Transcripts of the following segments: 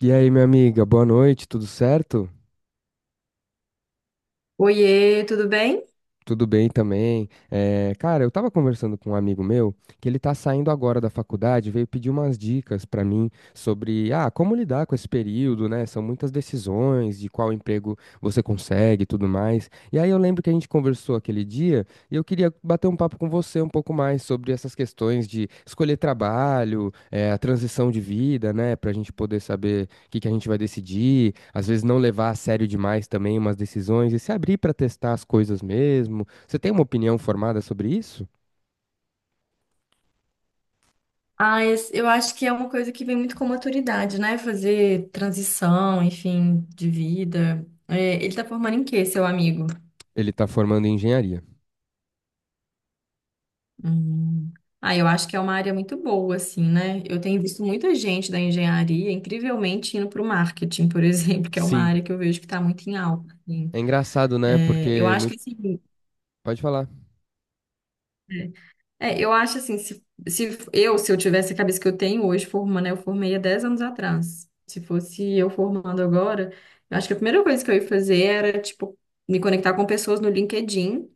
E aí, minha amiga, boa noite, tudo certo? Oiê, tudo bem? Tudo bem também. Cara, eu tava conversando com um amigo meu que ele tá saindo agora da faculdade, veio pedir umas dicas pra mim sobre, como lidar com esse período, né? São muitas decisões de qual emprego você consegue e tudo mais. E aí eu lembro que a gente conversou aquele dia e eu queria bater um papo com você um pouco mais sobre essas questões de escolher trabalho, a transição de vida, né? Pra gente poder saber o que que a gente vai decidir, às vezes não levar a sério demais também umas decisões e se abrir para testar as coisas mesmo. Você tem uma opinião formada sobre isso? Eu acho que é uma coisa que vem muito com maturidade, né? Fazer transição, enfim, de vida. É, ele tá formando em quê, seu amigo? Ele está formando em engenharia. Hum. Ah, eu acho que é uma área muito boa, assim, né? Eu tenho visto muita gente da engenharia, incrivelmente, indo para o marketing, por exemplo, que é uma Sim, área que eu vejo que está muito em alta, assim. é engraçado, né? É, eu Porque acho que, muito... assim, pode falar. é, É, eu acho assim, se eu tivesse a cabeça que eu tenho hoje, formando, eu formei há 10 anos atrás. Se fosse eu formando agora, eu acho que a primeira coisa que eu ia fazer era, tipo, me conectar com pessoas no LinkedIn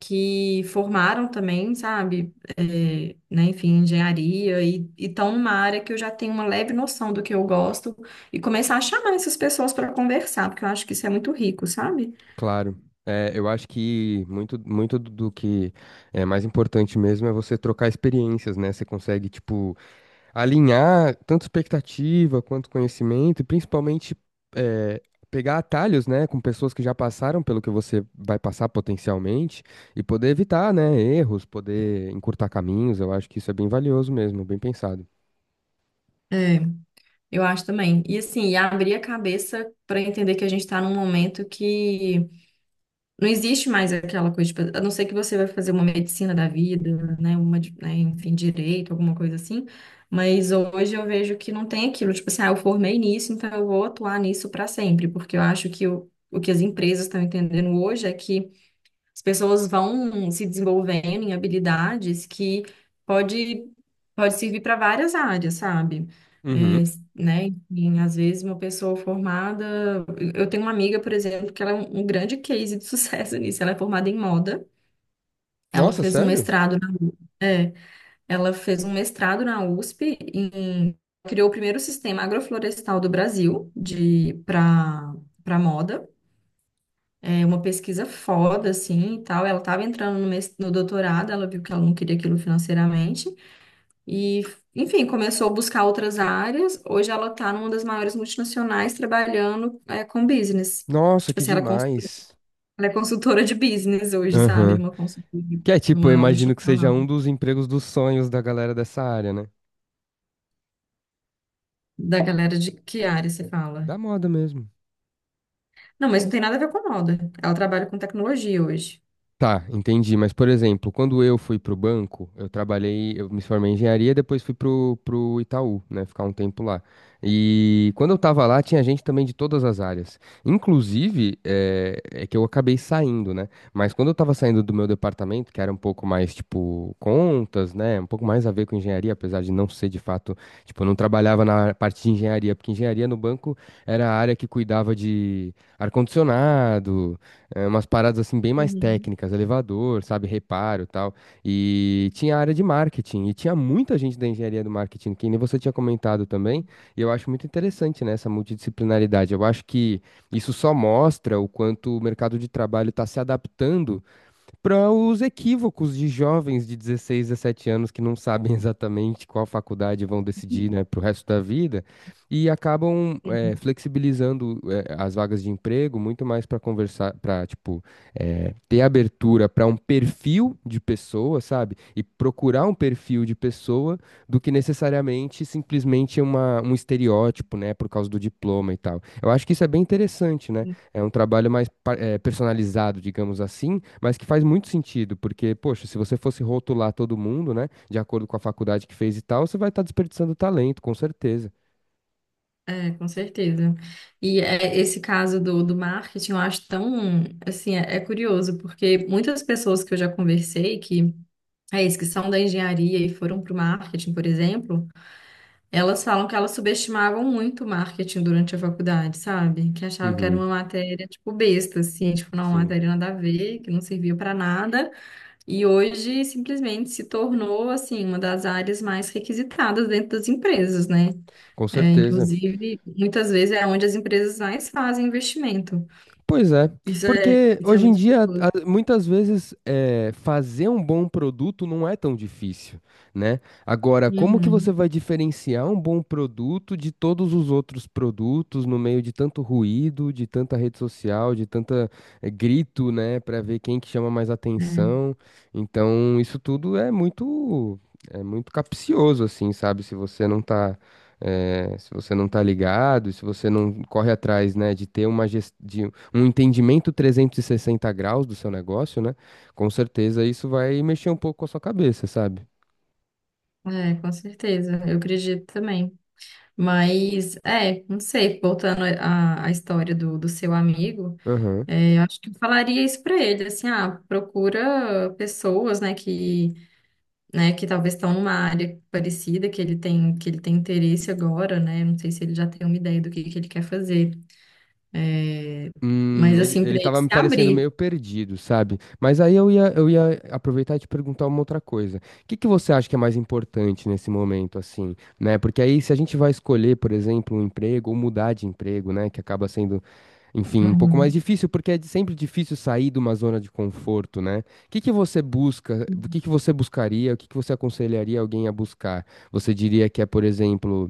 que formaram também, sabe? É, né, enfim, engenharia, e estão numa área que eu já tenho uma leve noção do que eu gosto, e começar a chamar essas pessoas para conversar, porque eu acho que isso é muito rico, sabe? Claro. É, eu acho que muito, muito do que é mais importante mesmo é você trocar experiências, né? Você consegue, tipo, alinhar tanto expectativa quanto conhecimento, e principalmente eh, pegar atalhos, né, com pessoas que já passaram pelo que você vai passar potencialmente e poder evitar, né, erros, poder encurtar caminhos. Eu acho que isso é bem valioso mesmo, bem pensado. É, eu acho também. E assim, e abrir a cabeça para entender que a gente está num momento que não existe mais aquela coisa, tipo, a não ser que você vai fazer uma medicina da vida, né, uma, né, enfim, direito, alguma coisa assim. Mas hoje eu vejo que não tem aquilo, tipo assim, ah, eu formei nisso, então eu vou atuar nisso para sempre, porque eu acho que o que as empresas estão entendendo hoje é que as pessoas vão se desenvolvendo em habilidades que pode, pode servir para várias áreas, sabe? É, Uhum. né? Enfim, às vezes uma pessoa formada. Eu tenho uma amiga, por exemplo, que ela é um grande case de sucesso nisso. Ela é formada em moda. Ela Nossa, fez um sério? mestrado na, é, ela fez um mestrado na USP em criou o primeiro sistema agroflorestal do Brasil de para para moda. É uma pesquisa foda, assim, e tal. Ela estava entrando no, no doutorado, ela viu que ela não queria aquilo financeiramente. E, enfim, começou a buscar outras áreas. Hoje ela está numa das maiores multinacionais trabalhando, é, com business. Nossa, Tipo que assim, ela, demais. ela é consultora de business hoje, sabe? Aham. Uma consultora, Que é tipo, eu uma imagino que multinacional. seja um dos empregos dos sonhos da galera dessa área, né? Da galera de que área você fala? Da moda mesmo. Não, mas não tem nada a ver com moda. Ela trabalha com tecnologia hoje. Tá, entendi. Mas, por exemplo, quando eu fui pro banco, eu trabalhei, eu me formei em engenharia, depois fui pro, pro Itaú, né, ficar um tempo lá. E quando eu tava lá, tinha gente também de todas as áreas. Inclusive, é que eu acabei saindo, né? Mas quando eu tava saindo do meu departamento, que era um pouco mais, tipo, contas, né, um pouco mais a ver com engenharia, apesar de não ser de fato, tipo, eu não trabalhava na parte de engenharia, porque engenharia no banco era a área que cuidava de ar-condicionado, umas paradas assim bem mais Uhum. técnicas, elevador, sabe, reparo, e tal. E tinha a área de marketing e tinha muita gente da engenharia do marketing, que nem você tinha comentado também. E eu acho muito interessante, né, essa multidisciplinaridade. Eu acho que isso só mostra o quanto o mercado de trabalho está se adaptando para os equívocos de jovens de 16, 17 anos que não sabem exatamente qual faculdade vão decidir, né, para o resto da vida e acabam flexibilizando as vagas de emprego muito mais para conversar, para tipo ter abertura para um perfil de pessoa, sabe? E procurar um perfil de pessoa do que necessariamente simplesmente uma, um estereótipo, né, por causa do diploma e tal. Eu acho que isso é bem interessante, né? É um trabalho mais personalizado, digamos assim, mas que faz muito sentido, porque, poxa, se você fosse rotular todo mundo, né, de acordo com a faculdade que fez e tal, você vai estar desperdiçando talento, com certeza. É, com certeza. E é, esse caso do, do marketing, eu acho tão, assim, é curioso, porque muitas pessoas que eu já conversei, que é isso, que são da engenharia e foram para o marketing, por exemplo, elas falam que elas subestimavam muito o marketing durante a faculdade, sabe? Que achavam que era Uhum. uma matéria, tipo, besta, assim, tipo, não, uma Sim, matéria nada a ver, que não servia para nada, e hoje simplesmente se tornou, assim, uma das áreas mais requisitadas dentro das empresas, né? com É, certeza. inclusive, muitas vezes é onde as empresas mais fazem investimento. Pois é, porque Isso é hoje em muito dia, perigoso. Muitas vezes, fazer um bom produto não é tão difícil, né? Agora, como que você Uhum. vai diferenciar um bom produto de todos os outros produtos no meio de tanto ruído, de tanta rede social, de tanta, grito, né, para ver quem que chama mais atenção? Então, isso tudo é muito capcioso, assim, sabe? Se você não tá se você não tá ligado, e se você não corre atrás, né, de ter uma gestão, um entendimento 360 graus do seu negócio, né? Com certeza isso vai mexer um pouco com a sua cabeça, sabe? Com certeza, eu acredito também. Mas, é, não sei, voltando à história do seu amigo, Aham. é, eu acho que eu falaria isso para ele, assim, ah, procura pessoas, né, que talvez estão numa área parecida, que ele tem interesse agora, né, não sei se ele já tem uma ideia que ele quer fazer. É, mas ele, assim, para ele ele tava se me parecendo abrir. meio perdido, sabe? Mas aí eu ia aproveitar e te perguntar uma outra coisa. O que que você acha que é mais importante nesse momento, assim, né? Porque aí se a gente vai escolher, por exemplo, um emprego ou mudar de emprego, né? Que acaba sendo. Enfim, um pouco mais Uhum. difícil, porque é sempre difícil sair de uma zona de conforto, né? O que que você busca? O que que você buscaria? O que que você aconselharia alguém a buscar? Você diria que é, por exemplo,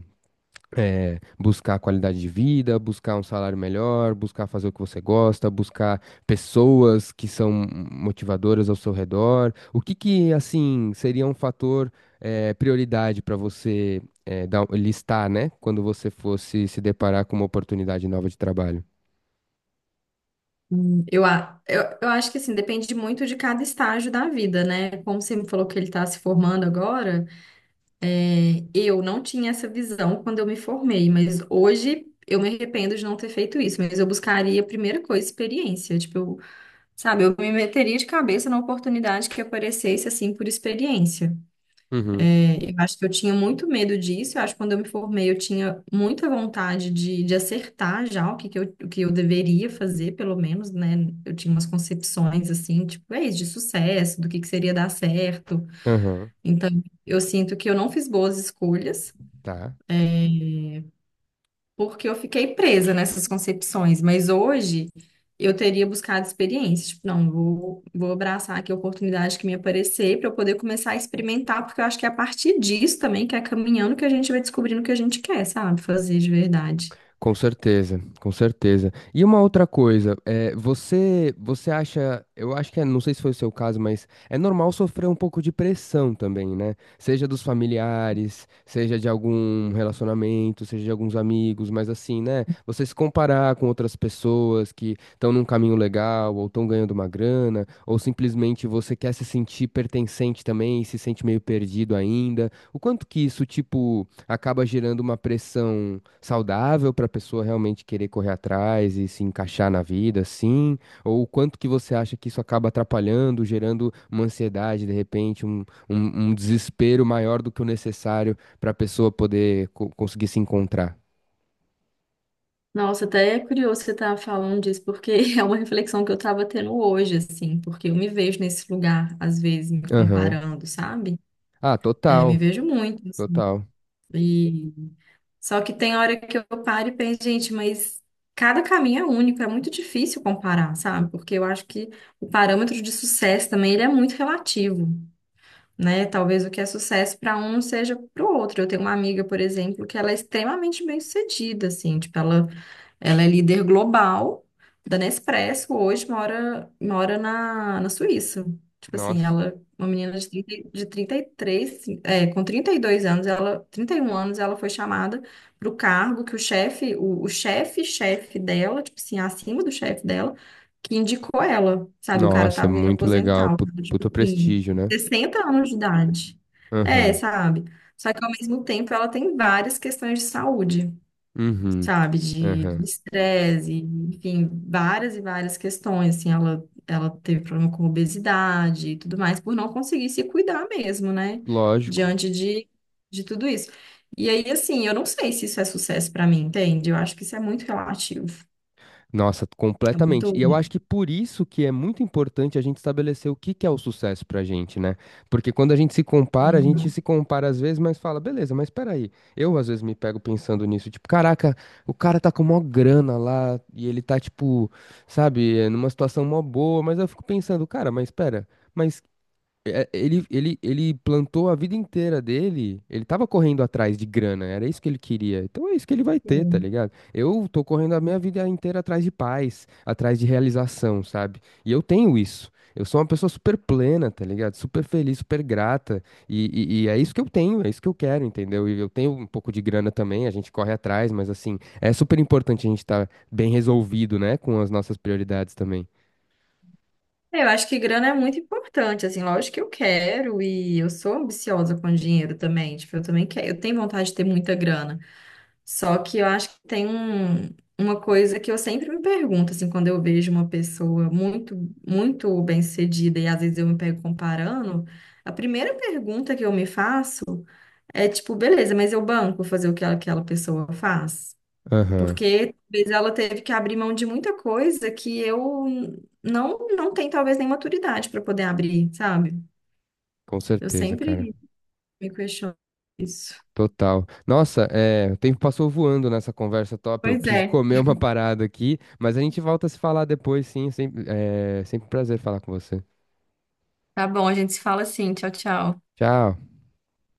buscar qualidade de vida, buscar um salário melhor, buscar fazer o que você gosta, buscar pessoas que são motivadoras ao seu redor. O que que, assim, seria um fator, prioridade para você, listar, né? Quando você fosse se deparar com uma oportunidade nova de trabalho? Eu acho que assim, depende muito de cada estágio da vida, né? Como você me falou que ele está se formando agora, é, eu não tinha essa visão quando eu me formei, mas hoje eu me arrependo de não ter feito isso. Mas eu buscaria, primeira coisa, experiência. Sabe, eu me meteria de cabeça na oportunidade que aparecesse assim por experiência. Eu acho que eu tinha muito medo disso. Eu acho que quando eu me formei, eu tinha muita vontade de acertar já o que eu deveria fazer, pelo menos, né? Eu tinha umas concepções, assim, tipo, é isso, de sucesso, que seria dar certo. Aham, Então, eu sinto que eu não fiz boas escolhas. tá. É, porque eu fiquei presa nessas concepções, mas hoje eu teria buscado experiência. Tipo, não, vou abraçar aqui a oportunidade que me aparecer para eu poder começar a experimentar, porque eu acho que é a partir disso também, que é caminhando, que a gente vai descobrindo o que a gente quer, sabe? Fazer de verdade. Com certeza, com certeza. E uma outra coisa, você, você acha, eu acho que é, não sei se foi o seu caso, mas é normal sofrer um pouco de pressão também, né? Seja dos familiares, seja de algum relacionamento, seja de alguns amigos, mas assim, né? Você se comparar com outras pessoas que estão num caminho legal, ou estão ganhando uma grana, ou simplesmente você quer se sentir pertencente também e se sente meio perdido ainda. O quanto que isso, tipo, acaba gerando uma pressão? Saudável para a pessoa realmente querer correr atrás e se encaixar na vida, sim? Ou o quanto que você acha que isso acaba atrapalhando, gerando uma ansiedade, de repente, um desespero maior do que o necessário para a pessoa poder conseguir se encontrar? Nossa, até é curioso você estar falando disso, porque é uma reflexão que eu estava tendo hoje, assim, porque eu me vejo nesse lugar, às vezes, me Aham. comparando, sabe? Ah, É, me total, vejo muito, assim, total. Só que tem hora que eu paro e penso, gente, mas cada caminho é único, é muito difícil comparar, sabe? Porque eu acho que o parâmetro de sucesso também ele é muito relativo, né? Talvez o que é sucesso para um seja para o outro. Eu tenho uma amiga, por exemplo, que ela é extremamente bem-sucedida, assim, tipo, ela é líder global da Nespresso, hoje mora na Suíça. Tipo assim, Nossa. ela, é uma menina de 30, de 33, é, com 32 anos, ela, 31 anos, ela foi chamada para o cargo que o chefe, chefe dela, tipo assim, acima do chefe dela, que indicou ela, sabe? O cara Nossa, tava vindo muito legal. aposentar, o cara, tipo Puta assim, prestígio, né? 60 anos de idade. É, Aham. sabe? Só que ao mesmo tempo ela tem várias questões de saúde, Uhum. sabe, de Aham. estresse, enfim, várias e várias questões, assim, ela teve problema com obesidade e tudo mais, por não conseguir se cuidar mesmo, né, Lógico. diante de tudo isso. E aí, assim, eu não sei se isso é sucesso pra mim, entende? Eu acho que isso é muito relativo, Nossa, é completamente. E muito... eu acho que por isso que é muito importante a gente estabelecer o que que é o sucesso pra gente, né? Porque quando a gente se compara, a gente Uhum. se compara às vezes, mas fala, beleza, mas peraí. Eu às vezes me pego pensando nisso, tipo, caraca, o cara tá com mó grana lá e ele tá, tipo, sabe, é, numa situação mó boa, mas eu fico pensando, cara, mas pera, mas é, ele plantou a vida inteira dele, ele tava correndo atrás de grana, era isso que ele queria. Então é isso que ele vai ter, tá Sim. ligado? Eu tô correndo a minha vida inteira atrás de paz, atrás de realização, sabe? E eu tenho isso. Eu sou uma pessoa super plena, tá ligado? Super feliz, super grata. E é isso que eu tenho, é isso que eu quero, entendeu? E eu tenho um pouco de grana também, a gente corre atrás, mas assim, é super importante a gente estar bem resolvido, né? Com as nossas prioridades também. É, eu acho que grana é muito importante, assim, lógico que eu quero e eu sou ambiciosa com dinheiro também, tipo, eu também quero, eu tenho vontade de ter muita grana. Só que eu acho que tem um, uma coisa que eu sempre me pergunto, assim, quando eu vejo uma pessoa muito, muito bem-sucedida e às vezes eu me pego comparando, a primeira pergunta que eu me faço é tipo, beleza, mas eu banco fazer o que aquela pessoa faz? Aham, Porque talvez ela teve que abrir mão de muita coisa que eu não, não tenho talvez nem maturidade para poder abrir, sabe? com Eu certeza, sempre cara. me questiono isso. Total. Nossa, é, o tempo passou voando nessa conversa top. Eu Pois preciso é. comer uma parada aqui, mas a gente volta a se falar depois, sim. Sempre, é sempre um prazer falar com você. Tá bom, a gente se fala assim. Tchau, tchau. Tchau.